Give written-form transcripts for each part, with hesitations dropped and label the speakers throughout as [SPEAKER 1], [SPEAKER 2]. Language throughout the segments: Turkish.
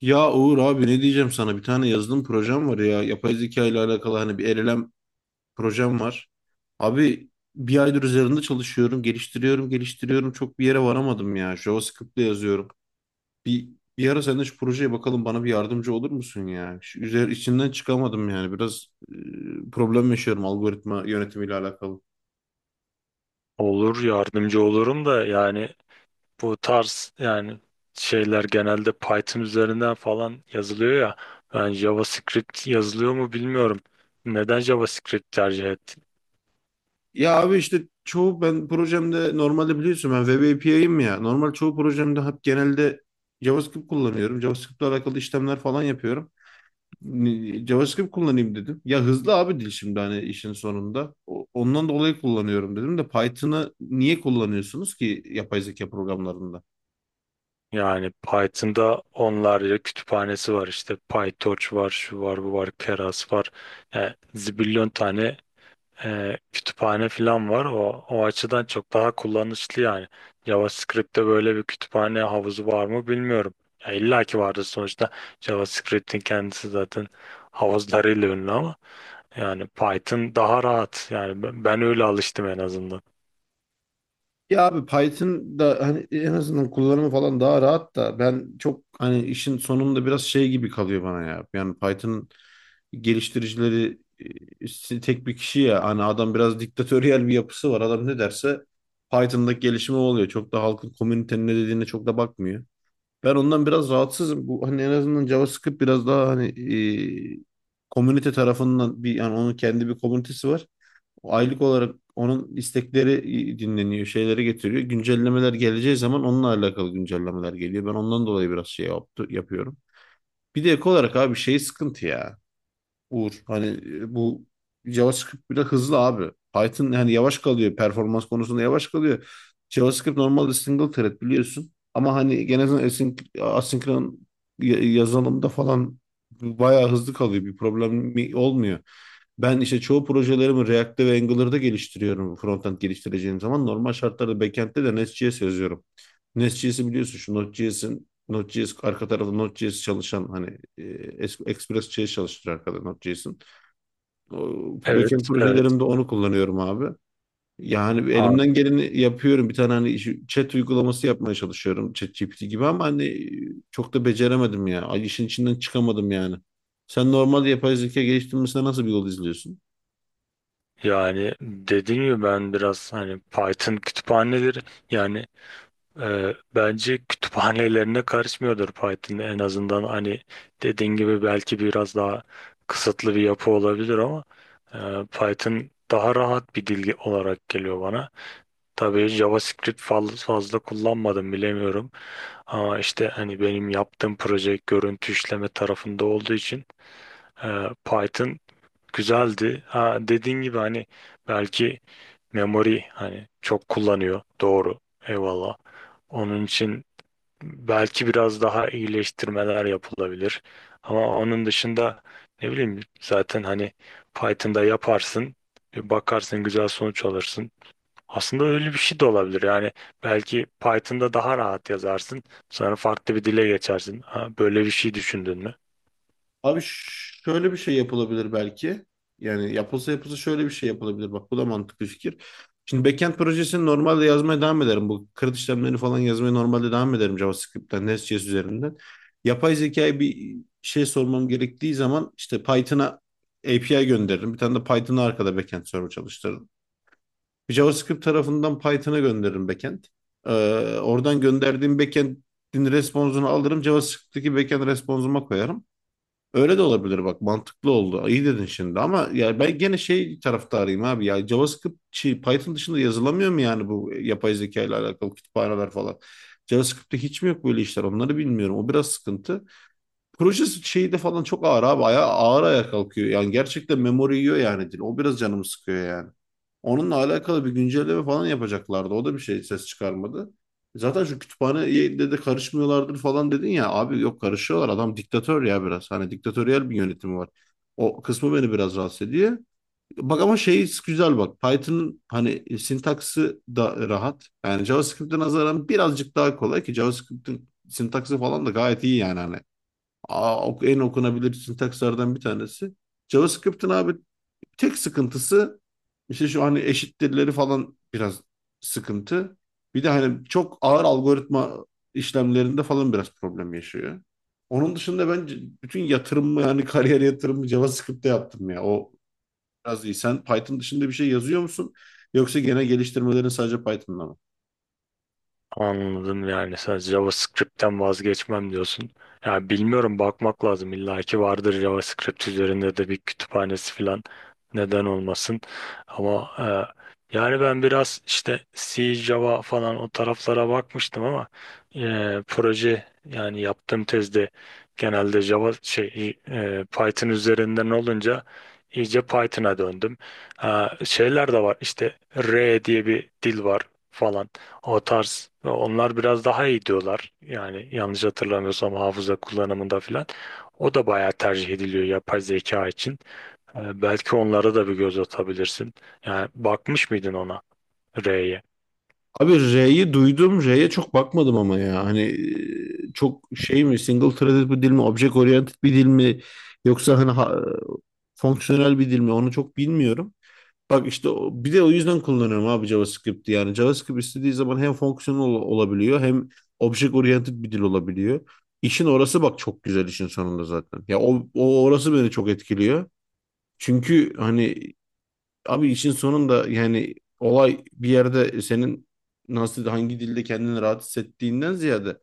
[SPEAKER 1] Ya Uğur abi ne diyeceğim, sana bir tane yazılım projem var ya, yapay zeka ile alakalı, hani bir LLM projem var. Abi bir aydır üzerinde çalışıyorum, geliştiriyorum çok bir yere varamadım ya, JavaScript'le yazıyorum. Bir, bir ara sen de şu projeye bakalım, bana bir yardımcı olur musun ya? İçinden çıkamadım yani, biraz problem yaşıyorum algoritma yönetimiyle alakalı.
[SPEAKER 2] Olur, yardımcı olurum da yani bu tarz şeyler genelde Python üzerinden falan yazılıyor ya. Ben JavaScript yazılıyor mu bilmiyorum. Neden JavaScript tercih ettim?
[SPEAKER 1] Ya abi işte çoğu ben projemde, normalde biliyorsun ben web API'yim ya. Normal çoğu projemde hep genelde JavaScript kullanıyorum. JavaScript'le alakalı işlemler falan yapıyorum. JavaScript kullanayım dedim. Ya hızlı abi dil, şimdi hani işin sonunda. Ondan dolayı kullanıyorum dedim de, Python'ı niye kullanıyorsunuz ki yapay zeka programlarında?
[SPEAKER 2] Yani Python'da onlarca kütüphanesi var, işte PyTorch var, şu var, bu var, Keras var. Yani zibilyon tane kütüphane falan var. O açıdan çok daha kullanışlı yani. JavaScript'te böyle bir kütüphane havuzu var mı bilmiyorum. Ya illa ki vardır sonuçta. JavaScript'in kendisi zaten havuzlarıyla ünlü ama yani Python daha rahat. Yani ben öyle alıştım en azından.
[SPEAKER 1] Ya abi, Python da hani en azından kullanımı falan daha rahat da, ben çok hani işin sonunda biraz şey gibi kalıyor bana ya. Yani Python geliştiricileri işte tek bir kişi ya. Hani adam biraz diktatöryel bir yapısı var. Adam ne derse Python'daki gelişimi o oluyor. Çok da halkın, komünitenin ne dediğine çok da bakmıyor. Ben ondan biraz rahatsızım. Bu, hani en azından JavaScript biraz daha hani e, komünite tarafından bir, yani onun kendi bir komünitesi var. Aylık olarak onun istekleri dinleniyor, şeyleri getiriyor. Güncellemeler geleceği zaman onunla alakalı güncellemeler geliyor. Ben ondan dolayı biraz yapıyorum. Bir de ek olarak abi şey sıkıntı ya. Uğur, hani bu JavaScript bile hızlı abi. Python hani yavaş kalıyor. Performans konusunda yavaş kalıyor. JavaScript normalde single thread biliyorsun. Ama hani asinkron yazılımda falan bayağı hızlı kalıyor. Bir problem olmuyor. Ben işte çoğu projelerimi React'te ve Angular'da geliştiriyorum. Frontend geliştireceğim zaman, normal şartlarda backend'te de Nest.js yazıyorum. Nest.js'i biliyorsun, şu Node.js'in, Node.js arka tarafı Node.js çalışan, hani Express.js çalıştırıyor arkada Node.js'in. O, backend
[SPEAKER 2] Evet, evet.
[SPEAKER 1] projelerimde onu kullanıyorum abi. Yani
[SPEAKER 2] An-
[SPEAKER 1] elimden geleni yapıyorum. Bir tane hani chat uygulaması yapmaya çalışıyorum. ChatGPT gibi, ama hani çok da beceremedim ya. Ay, işin içinden çıkamadım yani. Sen normal yapay zeka geliştirmesine nasıl bir yol izliyorsun?
[SPEAKER 2] Yani dediğim gibi ben biraz hani Python kütüphaneleri yani bence kütüphanelerine karışmıyordur Python, en azından hani dediğin gibi belki biraz daha kısıtlı bir yapı olabilir ama e, Python daha rahat bir dil olarak geliyor bana. Tabii JavaScript fazla kullanmadım, bilemiyorum, ama işte hani benim yaptığım proje görüntü işleme tarafında olduğu için Python güzeldi. Ha, dediğin gibi hani belki memory hani çok kullanıyor, doğru, eyvallah. Onun için belki biraz daha iyileştirmeler yapılabilir. Ama onun dışında ne bileyim, zaten hani Python'da yaparsın, bir bakarsın güzel sonuç alırsın. Aslında öyle bir şey de olabilir. Yani belki Python'da daha rahat yazarsın, sonra farklı bir dile geçersin. Ha, böyle bir şey düşündün mü?
[SPEAKER 1] Abi ş- Şöyle bir şey yapılabilir belki. Yani yapılsa yapılsa şöyle bir şey yapılabilir. Bak bu da mantıklı fikir. Şimdi backend projesini normalde yazmaya devam ederim. Bu kırıt işlemlerini falan yazmaya normalde devam ederim, JavaScript'ten, Nest.js üzerinden. Yapay zekaya bir şey sormam gerektiği zaman işte Python'a API gönderirim. Bir tane de Python'a arkada backend server çalıştırırım. Bir JavaScript tarafından Python'a gönderirim backend. Ee, Oradan gönderdiğim backend'in responsunu alırım. JavaScript'teki backend responsuma koyarım. Öyle de olabilir bak, mantıklı oldu. İyi dedin şimdi, ama ya ben gene şey taraftarıyım abi ya, JavaScript şey, Python dışında yazılamıyor mu yani bu yapay zeka ile alakalı kütüphaneler falan. JavaScript'te hiç mi yok böyle işler, onları bilmiyorum. O biraz sıkıntı. Proje şeyi de falan çok ağır abi. Aya, ağır ayağa kalkıyor. Yani gerçekten memori yiyor yani dil. O biraz canımı sıkıyor yani. Onunla alakalı bir güncelleme falan yapacaklardı. O da bir şey ses çıkarmadı. Zaten şu kütüphaneye de karışmıyorlardır falan dedin ya. Abi yok, karışıyorlar. Adam diktatör ya biraz. Hani diktatöryel bir yönetimi var. O kısmı beni biraz rahatsız ediyor. Bak ama şey, güzel bak. Python'ın hani sintaksı da rahat. Yani JavaScript'e nazaran birazcık daha kolay, ki JavaScript'in sintaksı falan da gayet iyi yani hani. En okunabilir sintakslardan bir tanesi JavaScript'in abi. Tek sıkıntısı işte şu hani eşittirleri falan biraz sıkıntı. Bir de hani çok ağır algoritma işlemlerinde falan biraz problem yaşıyor. Onun dışında ben bütün yatırımımı yani kariyer yatırımı JavaScript'te yaptım ya. O biraz iyi. Sen Python dışında bir şey yazıyor musun? Yoksa gene geliştirmelerin sadece Python'da mı?
[SPEAKER 2] Anladım, yani sen JavaScript'ten vazgeçmem diyorsun. Ya bilmiyorum, bakmak lazım, illa ki vardır JavaScript üzerinde de bir kütüphanesi falan, neden olmasın. Ama yani ben biraz işte C, Java falan o taraflara bakmıştım ama e, proje yani yaptığım tezde genelde Java şey Python üzerinden olunca iyice Python'a döndüm. Ha, şeyler de var, işte R diye bir dil var falan. O tarz. Onlar biraz daha iyi diyorlar. Yani yanlış hatırlamıyorsam hafıza kullanımında filan. O da bayağı tercih ediliyor yapay zeka için. Belki onlara da bir göz atabilirsin. Yani bakmış mıydın ona, R'ye?
[SPEAKER 1] Abi R'yi duydum. R'ye çok bakmadım ama ya. Hani çok şey mi, single threaded bir dil mi, object oriented bir dil mi, yoksa fonksiyonel bir dil mi, onu çok bilmiyorum. Bak işte bir de o yüzden kullanıyorum abi JavaScript'i. Yani JavaScript istediği zaman hem fonksiyonel olabiliyor, hem object oriented bir dil olabiliyor. İşin orası bak çok güzel işin sonunda zaten. Ya o orası beni çok etkiliyor. Çünkü hani abi işin sonunda yani, olay bir yerde senin nasıl, hangi dilde kendini rahat hissettiğinden ziyade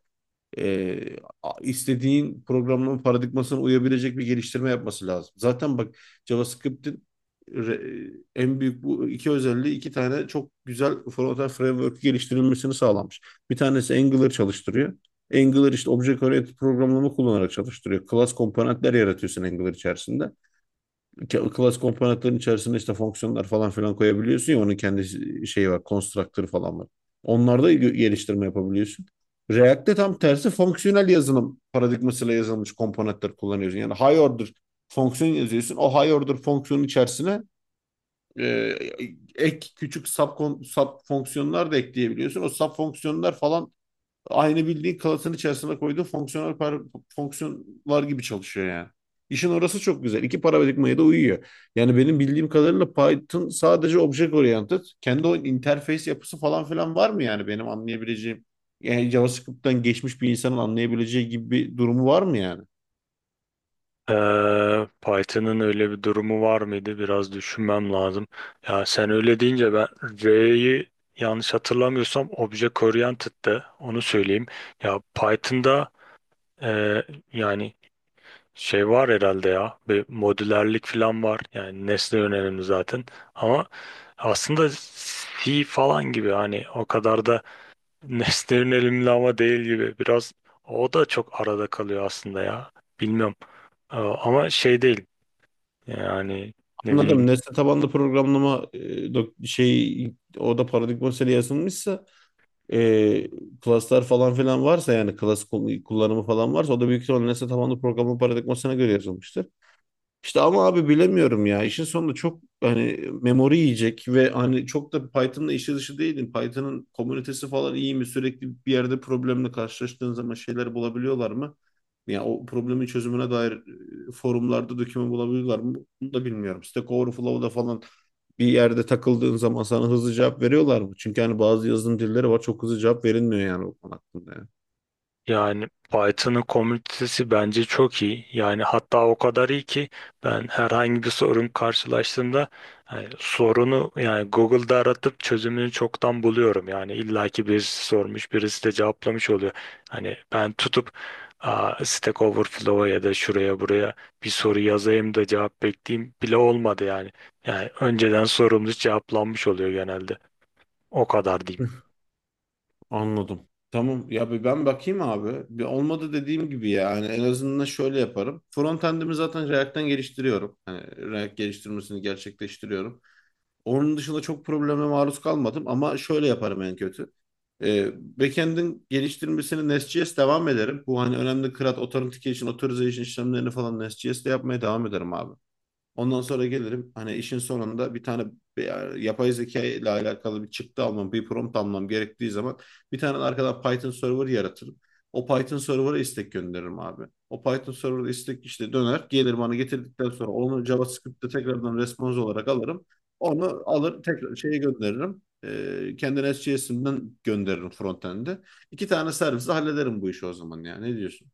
[SPEAKER 1] e, istediğin programlama paradigmasına uyabilecek bir geliştirme yapması lazım. Zaten bak JavaScript'in en büyük bu iki özelliği, iki tane çok güzel frontend framework geliştirilmesini sağlamış. Bir tanesi Angular çalıştırıyor. Angular işte object oriented programlama kullanarak çalıştırıyor. Class komponentler yaratıyorsun Angular içerisinde. Class komponentlerin içerisinde işte fonksiyonlar falan filan koyabiliyorsun ya, onun kendi şeyi var, constructor falan var. Onlarda geliştirme yapabiliyorsun. React'te tam tersi, fonksiyonel yazılım paradigmasıyla yazılmış komponentler kullanıyorsun. Yani high order fonksiyon yazıyorsun. O high order fonksiyonun içerisine e, ek küçük sub fonksiyonlar da ekleyebiliyorsun. O sub fonksiyonlar falan aynı bildiğin kalasın içerisine koyduğu fonksiyonel par fonksiyonlar gibi çalışıyor yani. İşin orası çok güzel. İki paradigmaya da uyuyor. Yani benim bildiğim kadarıyla Python sadece object oriented. Kendi o interface yapısı falan filan var mı yani benim anlayabileceğim? Yani JavaScript'ten geçmiş bir insanın anlayabileceği gibi bir durumu var mı yani?
[SPEAKER 2] Python'ın öyle bir durumu var mıydı? Biraz düşünmem lazım. Ya sen öyle deyince ben R'yi, yanlış hatırlamıyorsam, Object Oriented'dı. Onu söyleyeyim. Ya Python'da e, yani şey var herhalde ya, bir modülerlik falan var, yani nesne yönelimli zaten ama aslında C falan gibi hani o kadar da nesne yönelimli ama değil gibi biraz, o da çok arada kalıyor aslında ya, bilmiyorum. Ama şey değil yani, ne
[SPEAKER 1] Anladım.
[SPEAKER 2] bileyim.
[SPEAKER 1] Nesne tabanlı programlama şey, o da paradigma yazılmışsa, e, klaslar falan filan varsa, yani klas kullanımı falan varsa, o da büyük ihtimalle nesne tabanlı programlama paradigmasına göre yazılmıştır. İşte ama abi bilemiyorum ya. İşin sonunda çok hani memori yiyecek, ve hani çok da Python'la işi dışı değilim. Python'ın komünitesi falan iyi mi? Sürekli bir yerde problemle karşılaştığın zaman şeyler bulabiliyorlar mı? Ya o problemin çözümüne dair forumlarda döküman bulabiliyorlar mı? Bunu da bilmiyorum. Stack Overflow'da falan bir yerde takıldığın zaman sana hızlı cevap veriyorlar mı? Çünkü hani bazı yazılım dilleri var, çok hızlı cevap verilmiyor yani o konu hakkında, yani.
[SPEAKER 2] Yani Python'ın komünitesi bence çok iyi. Yani hatta o kadar iyi ki ben herhangi bir sorun karşılaştığımda, yani sorunu, yani Google'da aratıp çözümünü çoktan buluyorum. Yani illaki birisi sormuş, birisi de cevaplamış oluyor. Hani ben tutup, aa, Stack Overflow'a ya da şuraya buraya bir soru yazayım da cevap bekleyeyim bile olmadı yani. Yani önceden sorumuz cevaplanmış oluyor genelde. O kadar diyeyim.
[SPEAKER 1] Anladım. Tamam ya, bir ben bakayım abi. Bir olmadı dediğim gibi, yani en azından şöyle yaparım. Frontend'imi zaten React'ten geliştiriyorum. Hani React geliştirmesini gerçekleştiriyorum. Onun dışında çok probleme maruz kalmadım, ama şöyle yaparım en kötü. Ee, Backend'in geliştirmesini Nest.js devam ederim. Bu hani önemli CRUD, Authentication, Authorization işlemlerini falan Nest.js'te yapmaya devam ederim abi. Ondan sonra gelirim, hani işin sonunda bir tane yapay zeka ile alakalı bir çıktı almam, bir prompt almam gerektiği zaman, bir tane arkadan Python server yaratırım. O Python server'a istek gönderirim abi. O Python server'a istek işte döner, gelir bana getirdikten sonra onu JavaScript'te tekrardan response olarak alırım. Onu alır tekrar şeye gönderirim. Kendi SJS'inden gönderirim frontend'e. İki tane servisle hallederim bu işi o zaman ya. Ne diyorsun?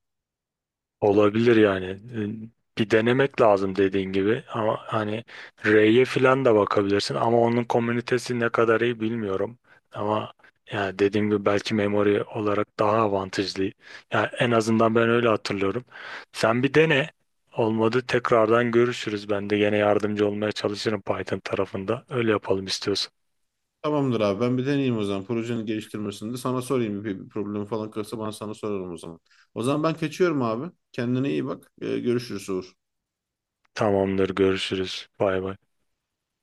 [SPEAKER 2] Olabilir yani. Bir denemek lazım dediğin gibi ama hani R'ye falan da bakabilirsin ama onun komünitesi ne kadar iyi bilmiyorum. Ama yani dediğim gibi belki memory olarak daha avantajlı. Yani en azından ben öyle hatırlıyorum. Sen bir dene. Olmadı tekrardan görüşürüz. Ben de gene yardımcı olmaya çalışırım Python tarafında. Öyle yapalım istiyorsan.
[SPEAKER 1] Tamamdır abi, ben bir deneyeyim o zaman. Projenin geliştirmesinde sana sorayım, bir problem falan kalırsa sana sorarım o zaman. O zaman ben kaçıyorum abi. Kendine iyi bak. Görüşürüz Uğur.
[SPEAKER 2] Tamamdır, görüşürüz. Bay bay.